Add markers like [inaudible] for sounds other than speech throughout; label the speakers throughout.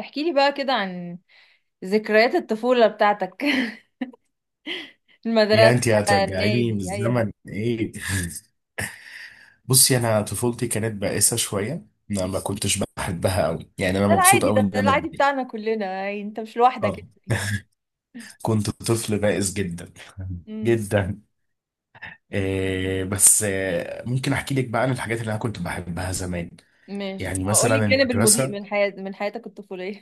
Speaker 1: احكي لي بقى كده عن ذكريات الطفولة بتاعتك. [laughs]
Speaker 2: يا
Speaker 1: المدرسة،
Speaker 2: انت هترجعيني
Speaker 1: النادي، أي حاجة.
Speaker 2: بالزمن ايه؟ [laughs] بصي، انا طفولتي كانت بائسه شويه، انا ما كنتش بحبها قوي، يعني انا
Speaker 1: ده
Speaker 2: مبسوط
Speaker 1: العادي،
Speaker 2: قوي ان انا
Speaker 1: العادي
Speaker 2: كبير.
Speaker 1: بتاعنا كلنا يعني، انت مش لوحدك
Speaker 2: اه.
Speaker 1: يعني.
Speaker 2: [laughs] كنت طفل بائس جدا
Speaker 1: امم.
Speaker 2: جدا. إيه بس، ممكن احكي لك بقى عن الحاجات اللي انا كنت بحبها زمان.
Speaker 1: ماشي،
Speaker 2: يعني
Speaker 1: اقول لي
Speaker 2: مثلا
Speaker 1: الجانب المضيء
Speaker 2: المدرسه.
Speaker 1: من حياتك الطفولية.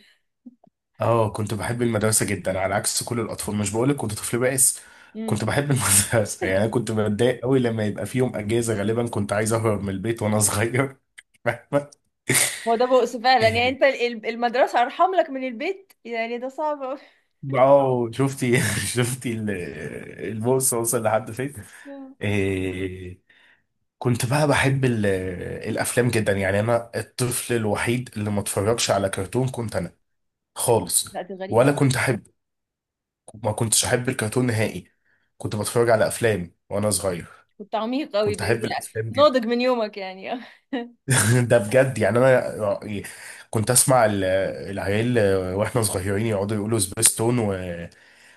Speaker 2: اه، كنت بحب المدرسة جدا على عكس كل الأطفال، مش بقولك كنت طفل بائس؟
Speaker 1: [laughs]
Speaker 2: كنت
Speaker 1: امم.
Speaker 2: بحب المدرسة. [laughs] يعني أنا كنت بتضايق قوي لما يبقى في يوم أجازة، غالبا كنت عايز أهرب من البيت وأنا صغير، [laughs] فاهمة؟
Speaker 1: هو ده بؤس فعلا يعني،
Speaker 2: إيه.
Speaker 1: انت المدرسة أرحم لك من البيت، يعني ده صعب أوي.
Speaker 2: اه شفتي، [laughs] شفتي البورصة وصل لحد فين؟
Speaker 1: مم.
Speaker 2: إيه. كنت بقى بحب الأفلام جدا، يعني أنا الطفل الوحيد اللي ما اتفرجش على كرتون، كنت أنا خالص.
Speaker 1: لا دي غريبة
Speaker 2: ولا
Speaker 1: أوي.
Speaker 2: كنت أحب، ما كنتش احب الكرتون نهائي، كنت بتفرج على افلام وانا صغير،
Speaker 1: كنت عميق أوي ب-
Speaker 2: كنت احب الافلام جدا.
Speaker 1: ناضج من يومك يعني.
Speaker 2: [laughs] ده بجد، يعني انا كنت اسمع العيال واحنا صغيرين، يقعدوا يقولوا سبيستون و...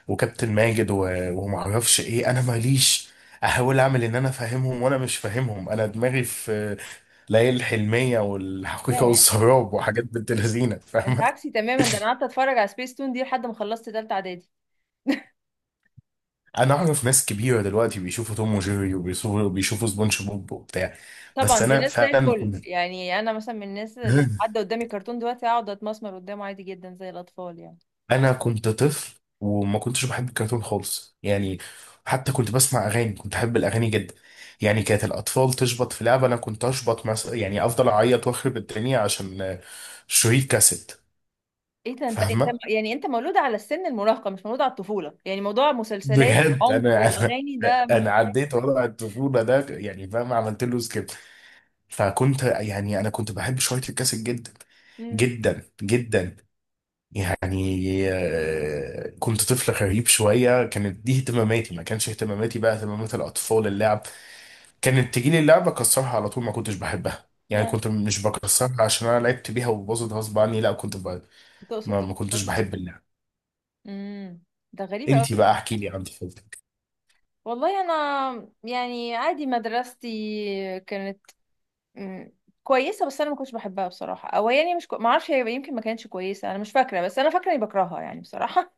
Speaker 2: وكابتن ماجد و... وما اعرفش ايه، انا ماليش، احاول اعمل ان انا فاهمهم وانا مش فاهمهم، انا دماغي في ليالي الحلمية
Speaker 1: [laughs] لا
Speaker 2: والحقيقة
Speaker 1: يا،
Speaker 2: والسراب وحاجات بنت لذينة،
Speaker 1: انت
Speaker 2: فاهمة؟
Speaker 1: عكسي تماما، ده انا قعدت اتفرج على سبيس تون دي لحد ما خلصت تالتة اعدادي.
Speaker 2: انا اعرف ناس كبيره دلوقتي بيشوفوا توم وجيري، وبيشوفوا بيشوفوا سبونج بوب وبتاع.
Speaker 1: طبعا
Speaker 2: بس
Speaker 1: دي
Speaker 2: انا
Speaker 1: ناس زي
Speaker 2: فعلا
Speaker 1: الفل،
Speaker 2: كنت.
Speaker 1: يعني انا مثلا من الناس اللي حد
Speaker 2: [laughs]
Speaker 1: قدامي كرتون دلوقتي اقعد اتمسمر قدامه عادي جدا زي الاطفال يعني.
Speaker 2: انا كنت طفل وما كنتش بحب الكرتون خالص يعني. حتى كنت بسمع اغاني، كنت احب الاغاني جدا. يعني كانت الاطفال تشبط في لعبه، انا كنت اشبط مثلا، يعني افضل اعيط واخرب الدنيا عشان شريط كاسيت،
Speaker 1: ايه ده انت.
Speaker 2: فاهمه؟
Speaker 1: يعني انت مولود على السن المراهقه، مش مولود على الطفوله، يعني موضوع مسلسلات
Speaker 2: بجد
Speaker 1: عنف
Speaker 2: انا انا
Speaker 1: واغاني ده ما
Speaker 2: انا
Speaker 1: فيش.
Speaker 2: عديت وضع الطفوله ده، يعني فاهم، عملت له سكيب. فكنت، يعني انا كنت بحب شريط الكاسيت جدا
Speaker 1: امم.
Speaker 2: جدا جدا. يعني كنت طفل غريب شوية، كانت دي اهتماماتي، ما كانش اهتماماتي بقى اهتمامات الأطفال، اللعب كانت تجيلي اللعبة أكسرها على طول، ما كنتش بحبها، يعني كنت
Speaker 1: اه،
Speaker 2: مش بكسرها عشان أنا لعبت بيها وباظت غصب عني، لا،
Speaker 1: تقصد
Speaker 2: ما كنتش
Speaker 1: تكتر.
Speaker 2: بحب اللعب.
Speaker 1: امم. ده غريب
Speaker 2: انتي
Speaker 1: قوي.
Speaker 2: بقى احكي لي عن طفولتك.
Speaker 1: والله انا يعني عادي، مدرستي كانت مم، كويسه، بس انا ما كنتش بحبها بصراحه، او يعني مش كو... ما اعرفش، هي يمكن ما كانتش كويسه، انا مش فاكره، بس انا فاكره اني بكرهها يعني بصراحه.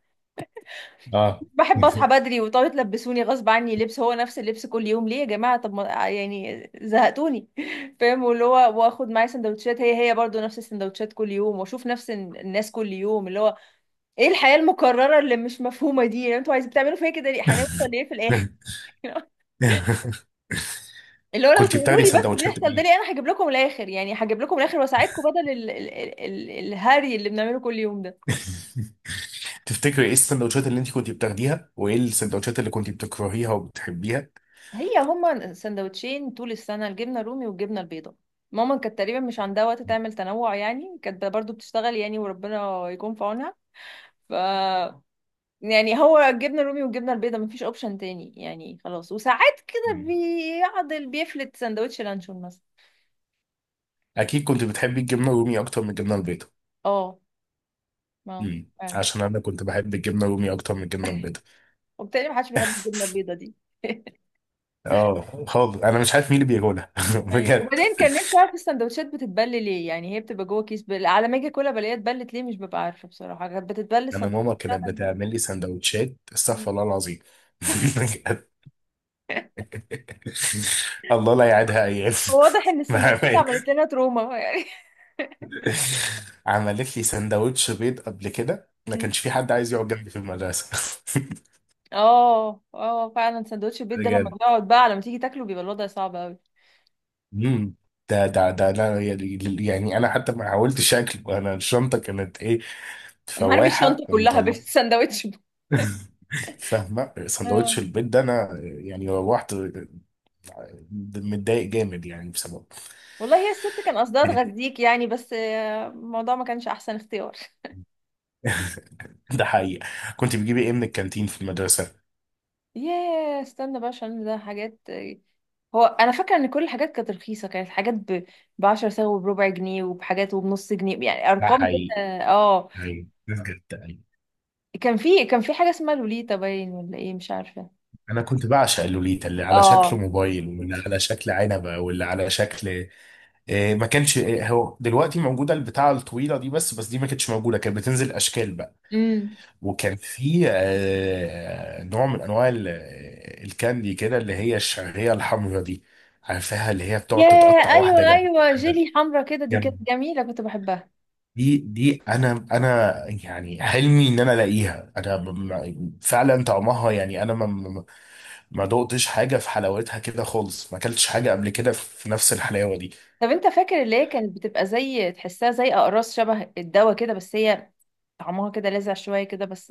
Speaker 2: اه.
Speaker 1: بحب اصحى بدري وتقعدوا تلبسوني غصب عني لبس، هو نفس اللبس كل يوم ليه يا جماعه؟ طب ما يعني زهقتوني. [laughs] فاهم، واللي هو واخد معايا سندوتشات، هي هي برضو نفس السندوتشات كل يوم، واشوف نفس الناس كل يوم، اللي هو ايه الحياه المكرره اللي مش مفهومه دي؟ يعني انتوا عايزين بتعملوا فيا كده ليه؟ هنوصل ليه في الاخر؟
Speaker 2: [laughs]
Speaker 1: [laughs] اللي هو لو
Speaker 2: كنت
Speaker 1: تقولوا
Speaker 2: بتاخدي
Speaker 1: لي بس
Speaker 2: سندوتشات
Speaker 1: بيحصل ده
Speaker 2: ايه؟
Speaker 1: ليه، انا هجيب لكم الاخر يعني، هجيب لكم الاخر واساعدكم، بدل ال ال ال ال الهري اللي بنعمله كل يوم ده.
Speaker 2: [laughs] تفتكري ايه السندوتشات اللي انت كنت بتاخديها وايه السندوتشات اللي كنت بتكرهيها وبتحبيها؟
Speaker 1: هي هما سندوتشين طول السنة، الجبنة الرومي والجبنة البيضاء. ماما كانت تقريبا مش عندها وقت تعمل تنوع يعني، كانت برضو بتشتغل يعني، وربنا يكون في عونها. ف يعني هو الجبنة الرومي والجبنة البيضاء، مفيش اوبشن تاني يعني خلاص. وساعات كده بيعضل، بيفلت سندوتش لانشون مثلا.
Speaker 2: اكيد كنت بتحبي الجبنه الرومي اكتر من الجبنه البيضاء.
Speaker 1: اه، ما فعلا،
Speaker 2: عشان انا كنت بحب الجبنه الرومي اكتر من الجبنه البيضاء.
Speaker 1: وبالتالي محدش بيحب الجبنة البيضاء دي. [laughs]
Speaker 2: اه خالص، انا مش عارف مين اللي بياكلها. [laughs]
Speaker 1: أيوة.
Speaker 2: بجد.
Speaker 1: وبعدين كان نفسي اعرف السندوتشات بتتبل ليه؟ يعني هي بتبقى جوه كيس، بل... على ما اجي اكلها بلاقيها اتبلت ليه مش ببقى عارفه بصراحه. كانت بتتبل
Speaker 2: انا
Speaker 1: السندوتشات
Speaker 2: ماما كانت
Speaker 1: بتاعتك؟
Speaker 2: بتعمل لي سندوتشات،
Speaker 1: بقى
Speaker 2: استغفر الله العظيم. [laughs] بجد. الله لا يعيدها ايام.
Speaker 1: هو واضح ان السندوتشات عملت
Speaker 2: [laughs]
Speaker 1: لنا تروما يعني.
Speaker 2: عملت لي سندوتش بيض قبل كده، ما
Speaker 1: مم.
Speaker 2: كانش في حد عايز يقعد جنبي في المدرسه. [laughs]
Speaker 1: اه اه فعلا، سندوتش البيت ده لما
Speaker 2: بجد.
Speaker 1: بيقعد بقى لما تيجي تاكله بيبقى الوضع صعب قوي.
Speaker 2: امم ده انا، يعني انا حتى ما حاولتش اكله، انا الشنطه كانت ايه،
Speaker 1: انا هرمي
Speaker 2: فواحه
Speaker 1: الشنطه كلها
Speaker 2: ومطلعه.
Speaker 1: بالسندوتش ده.
Speaker 2: [laughs] فاهمه؟
Speaker 1: [laughs]
Speaker 2: سندوتش
Speaker 1: اه،
Speaker 2: البيت ده، انا يعني روحت متضايق جامد يعني بسببه.
Speaker 1: والله هي الست كان قصدها
Speaker 2: [laughs]
Speaker 1: تغذيك يعني، بس الموضوع ما كانش احسن اختيار.
Speaker 2: ده حقيقي. كنت بتجيبي ايه من الكانتين في المدرسه؟
Speaker 1: ياه، استنى بقى، عشان ده حاجات هو انا فاكره ان كل الحاجات كانت رخيصه، كانت حاجات ب 10 سنت، وبربع جنيه، وبحاجات، وبنص جنيه، يعني
Speaker 2: ده
Speaker 1: ارقام كده.
Speaker 2: حقيقي،
Speaker 1: اه،
Speaker 2: ايوه، ده بجد، ايوه.
Speaker 1: كان في حاجه اسمها لوليتا، باين ولا ايه مش عارفه.
Speaker 2: انا كنت بعشق اللوليتا اللي على شكل
Speaker 1: اه.
Speaker 2: موبايل واللي على شكل عنبه واللي على شكل إيه، ما كانش إيه، هو دلوقتي موجوده البتاعه الطويله دي، بس دي ما كانتش موجوده، كانت بتنزل اشكال بقى.
Speaker 1: امم.
Speaker 2: وكان في نوع من انواع الكاندي كده، اللي هي الشعريه الحمراء دي، عارفاها؟ اللي هي بتقعد
Speaker 1: ياه،
Speaker 2: تتقطع
Speaker 1: ايوه
Speaker 2: واحده جنب
Speaker 1: ايوه،
Speaker 2: واحده،
Speaker 1: جيلي حمرا كده دي، كانت
Speaker 2: جنب.
Speaker 1: جميله كنت بحبها.
Speaker 2: دي انا يعني حلمي ان انا الاقيها، انا فعلا طعمها، يعني انا، ما دقتش حاجه في حلاوتها كده خالص، ما اكلتش حاجه قبل كده في نفس الحلاوه دي.
Speaker 1: طب انت فاكر اللي هي كانت بتبقى زي، تحسها زي اقراص شبه الدواء كده، بس هي طعمها كده لاذع شويه كده بس،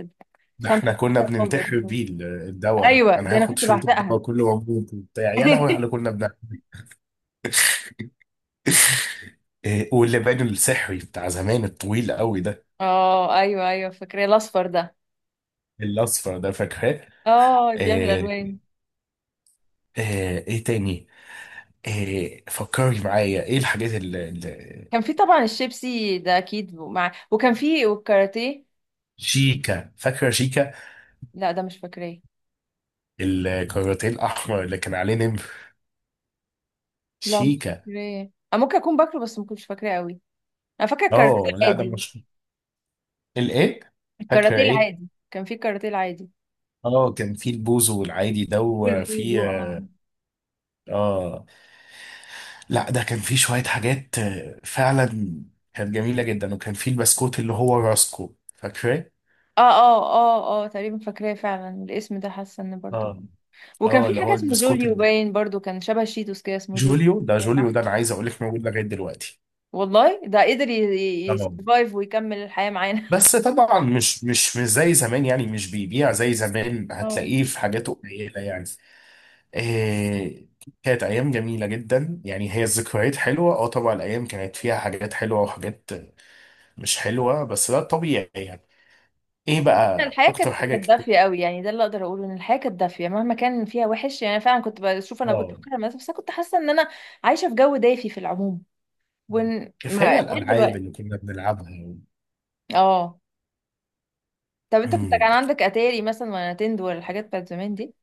Speaker 2: ده
Speaker 1: تفهمش،
Speaker 2: احنا كنا
Speaker 1: تحسها باودر
Speaker 2: بننتحر
Speaker 1: شوية.
Speaker 2: بيه الدواء ده،
Speaker 1: ايوه،
Speaker 2: انا
Speaker 1: ده انا
Speaker 2: هاخد
Speaker 1: كنت
Speaker 2: شريط
Speaker 1: بعشقها.
Speaker 2: الدواء كله موجود وبتاع، يا لهوي
Speaker 1: [laughs]
Speaker 2: احنا كنا بنعمل. [laughs] إيه، واللبان السحري بتاع زمان الطويل قوي ده،
Speaker 1: اه ايوه ايوه، فاكره الاصفر ده.
Speaker 2: الاصفر ده، فاكراه؟
Speaker 1: اه، بيعمل
Speaker 2: ايه,
Speaker 1: الوان.
Speaker 2: ايه تاني؟ ايه؟ فكري معايا، ايه الحاجات
Speaker 1: كان في طبعا الشيبسي ده اكيد، مع، وكان في، والكاراتيه.
Speaker 2: شيكا، فاكره شيكا؟
Speaker 1: لا ده مش فاكراه.
Speaker 2: الكاراتيه الاحمر اللي كان عليه نمر،
Speaker 1: لا مش
Speaker 2: شيكا.
Speaker 1: فاكراه أنا، ممكن اكون باكله بس ما كنتش فاكراه قوي. انا فاكره الكاراتيه
Speaker 2: اه لا، ده
Speaker 1: عادي.
Speaker 2: مش الايه، فاكره
Speaker 1: الكاراتيه
Speaker 2: ايه؟
Speaker 1: العادي، كان في الكاراتيه العادي.
Speaker 2: اه، كان في البوزو العادي ده، وفي،
Speaker 1: بالبوزو،
Speaker 2: اه لا، ده كان فيه شوية حاجات فعلا كانت جميلة جدا، وكان فيه البسكوت اللي هو راسكو، فاكراه؟
Speaker 1: اه تقريبا فاكراه فعلا، الاسم ده حاسه ان برضو.
Speaker 2: اه
Speaker 1: وكان
Speaker 2: اه،
Speaker 1: في
Speaker 2: اللي
Speaker 1: حاجه
Speaker 2: هو
Speaker 1: اسمه
Speaker 2: البسكوت
Speaker 1: جوليو،
Speaker 2: اللي،
Speaker 1: باين برضو كان شبه شيتوس كده، اسمه جوليو.
Speaker 2: جوليو ده، جوليو
Speaker 1: صح.
Speaker 2: ده انا عايز اقول لك موجود لغاية دلوقتي.
Speaker 1: والله ده قدر
Speaker 2: اه
Speaker 1: يسرفايف ويكمل الحياه معانا.
Speaker 2: بس طبعا مش زي زمان، يعني مش بيبيع زي زمان،
Speaker 1: اه.
Speaker 2: هتلاقيه في حاجات قليلة يعني. إيه، كانت أيام جميلة جدا، يعني هي الذكريات حلوة. اه طبعا، الأيام كانت فيها حاجات حلوة وحاجات مش حلوة، بس ده الطبيعي يعني. ايه
Speaker 1: [laughs]
Speaker 2: بقى
Speaker 1: الحياه كانت
Speaker 2: أكتر حاجة
Speaker 1: كانت
Speaker 2: كنت؟
Speaker 1: دافيه قوي يعني، ده اللي اقدر اقوله، ان الحياه كانت دافيه مهما كان فيها وحش يعني. أنا فعلا كنت بشوف، انا كنت
Speaker 2: اه،
Speaker 1: بكره المدرسه، بس أنا كنت حاسه ان انا عايشه في جو دافي في العموم، وان
Speaker 2: كيف
Speaker 1: ما
Speaker 2: هي
Speaker 1: [laughs] لغاية
Speaker 2: الألعاب
Speaker 1: دلوقتي.
Speaker 2: اللي كنا بنلعبها.
Speaker 1: اه. طب انت كنت
Speaker 2: أمم.
Speaker 1: كان عندك اتاري مثلا، ولا نتندو، ولا الحاجات بتاعت زمان دي؟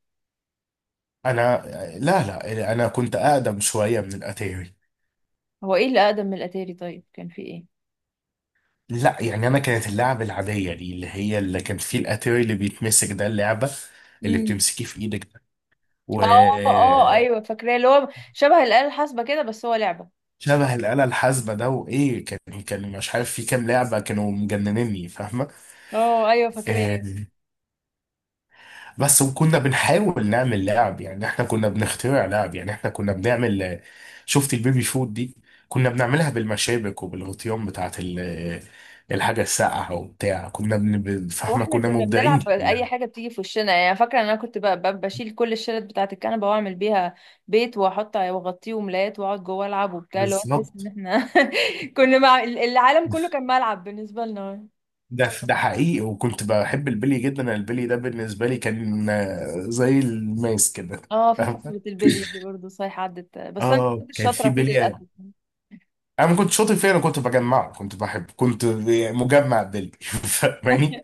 Speaker 2: أنا، لا لا، أنا كنت أقدم شوية من الأتاري.
Speaker 1: هو ايه اللي اقدم من الاتاري؟ طيب كان في ايه؟
Speaker 2: لا يعني أنا، كانت اللعبة العادية دي اللي هي اللي كان فيه الأتاري اللي بيتمسك ده، اللعبة اللي
Speaker 1: امم.
Speaker 2: بتمسكيه في إيدك ده، و
Speaker 1: اه اه ايوه فاكراه، اللي هو شبه الآلة الحاسبة كده بس هو لعبة.
Speaker 2: شبه الآلة الحاسبة ده. وإيه كان مش عارف في كام لعبة، كانوا مجننني، فاهمة؟
Speaker 1: اه ايوه
Speaker 2: آه،
Speaker 1: فاكراه.
Speaker 2: بس، وكنا بنحاول نعمل لعب، يعني احنا كنا بنخترع لعب، يعني احنا كنا بنعمل، شفت البيبي فود دي؟ كنا بنعملها بالمشابك وبالغطيان بتاعت الحاجة الساقعة وبتاع، كنا فاهمة؟
Speaker 1: واحنا
Speaker 2: كنا
Speaker 1: كنا
Speaker 2: مبدعين
Speaker 1: بنلعب
Speaker 2: في
Speaker 1: اي
Speaker 2: اللعب.
Speaker 1: حاجه بتيجي في وشنا يعني. فاكره ان انا كنت بشيل كل الشلت بتاعه الكنبه واعمل بيها بيت، واحط واغطيه وملايات، واقعد جوه العب وبتاع، اللي هو تحس ان
Speaker 2: بالظبط،
Speaker 1: احنا [laughs] كنا مع العالم كله، كان ملعب بالنسبه لنا.
Speaker 2: ده حقيقي. وكنت بحب البلي جدا، أنا البلي ده بالنسبة لي كان زي الماس كده،
Speaker 1: اه، في
Speaker 2: فاهمة؟
Speaker 1: فقره البلي دي برضه صحيح عدت، بس انا ما
Speaker 2: اه،
Speaker 1: كنتش
Speaker 2: كان في
Speaker 1: شاطره فيه
Speaker 2: بلي،
Speaker 1: للاسف.
Speaker 2: انا ما كنت شاطر فيه، انا كنت بجمعه، كنت بحب، كنت مجمع بلي. [laughs] فاهماني؟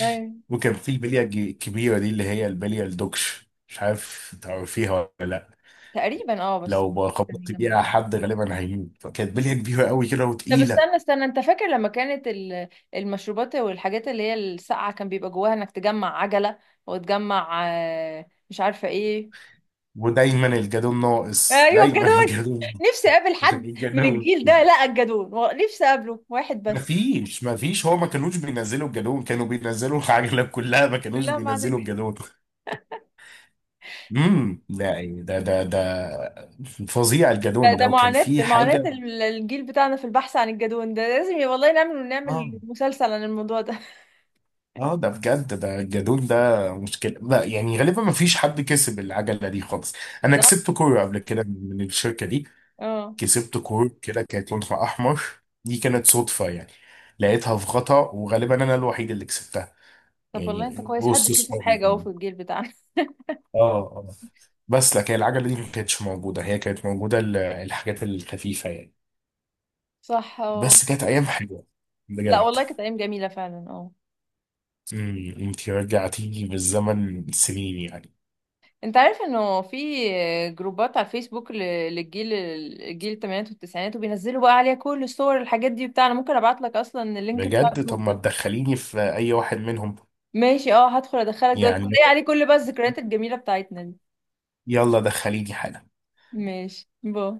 Speaker 1: ايوه
Speaker 2: وكان في البليه الكبيره دي، اللي هي البليه الدوكش، مش عارف تعرفيها ولا لا،
Speaker 1: تقريبا اه، بس
Speaker 2: لو
Speaker 1: يعني
Speaker 2: خبطت
Speaker 1: لما،
Speaker 2: بيها حد غالبا هيموت، كانت بليه كبيره قوي كده
Speaker 1: طب
Speaker 2: وتقيله.
Speaker 1: استنى استنى، انت فاكر لما كانت المشروبات والحاجات اللي هي الساقعة، كان بيبقى جواها انك تجمع عجلة، وتجمع مش عارفة ايه؟
Speaker 2: ودايما الجدون ناقص،
Speaker 1: ايوه
Speaker 2: دايما
Speaker 1: الجدون. [laughs]
Speaker 2: الجدون.
Speaker 1: نفسي اقابل
Speaker 2: [laughs]
Speaker 1: حد من
Speaker 2: الجدون.
Speaker 1: الجيل ده، لا الجدون نفسي اقابله واحد بس.
Speaker 2: مفيش، هو ما كانوش بينزلوا الجالون، كانوا بينزلوا [laughs] العجلة كلها، ما كانوش
Speaker 1: كلها ما عدا
Speaker 2: بينزلوا
Speaker 1: الجدون.
Speaker 2: الجالون. لا يعني، ده فظيع
Speaker 1: ده
Speaker 2: الجالون
Speaker 1: ده
Speaker 2: ده، وكان
Speaker 1: معاناة،
Speaker 2: في
Speaker 1: معاناة
Speaker 2: حاجة.
Speaker 1: الجيل بتاعنا في البحث عن الجدون ده، لازم والله نعمل،
Speaker 2: اه
Speaker 1: نعمل مسلسل عن الموضوع ده.
Speaker 2: اه، ده بجد، ده الجدول ده مشكلة، لا يعني غالبا ما فيش حد كسب العجلة دي خالص.
Speaker 1: [laughs]
Speaker 2: انا
Speaker 1: صح؟
Speaker 2: كسبت كورة قبل كده من الشركة دي،
Speaker 1: اه.
Speaker 2: كسبت كورة كده كانت لونها احمر، دي كانت صدفة يعني، لقيتها في غطا، وغالبا انا الوحيد اللي كسبتها،
Speaker 1: طب والله
Speaker 2: يعني
Speaker 1: انت كويس، حد
Speaker 2: وسط
Speaker 1: كسب
Speaker 2: صحابي.
Speaker 1: حاجة اهو في الجيل بتاعنا.
Speaker 2: اه اه، بس لكن العجلة دي ما كانتش موجودة، هي كانت موجودة الحاجات الخفيفة يعني.
Speaker 1: [laughs] صح اه.
Speaker 2: بس كانت ايام حلوة،
Speaker 1: لا
Speaker 2: بجد.
Speaker 1: والله كانت ايام جميله فعلا، اه.
Speaker 2: انت رجعتيني بالزمن سنين يعني.
Speaker 1: انت عارف انه في جروبات على الفيسبوك للجيل، الثمانينات والتسعينات، وبينزلوا بقى عليها كل الصور، الحاجات دي بتاع؟ انا ممكن ابعت لك اصلا اللينك بتاع
Speaker 2: بجد، طب
Speaker 1: الجروب
Speaker 2: ما
Speaker 1: ده.
Speaker 2: تدخليني في اي واحد منهم،
Speaker 1: ماشي اه، هدخل، ادخلك دلوقتي،
Speaker 2: يعني،
Speaker 1: هتلاقي عليه كل بقى الذكريات الجميله بتاعتنا دي.
Speaker 2: يلا دخليني حالا.
Speaker 1: ماشي. باي.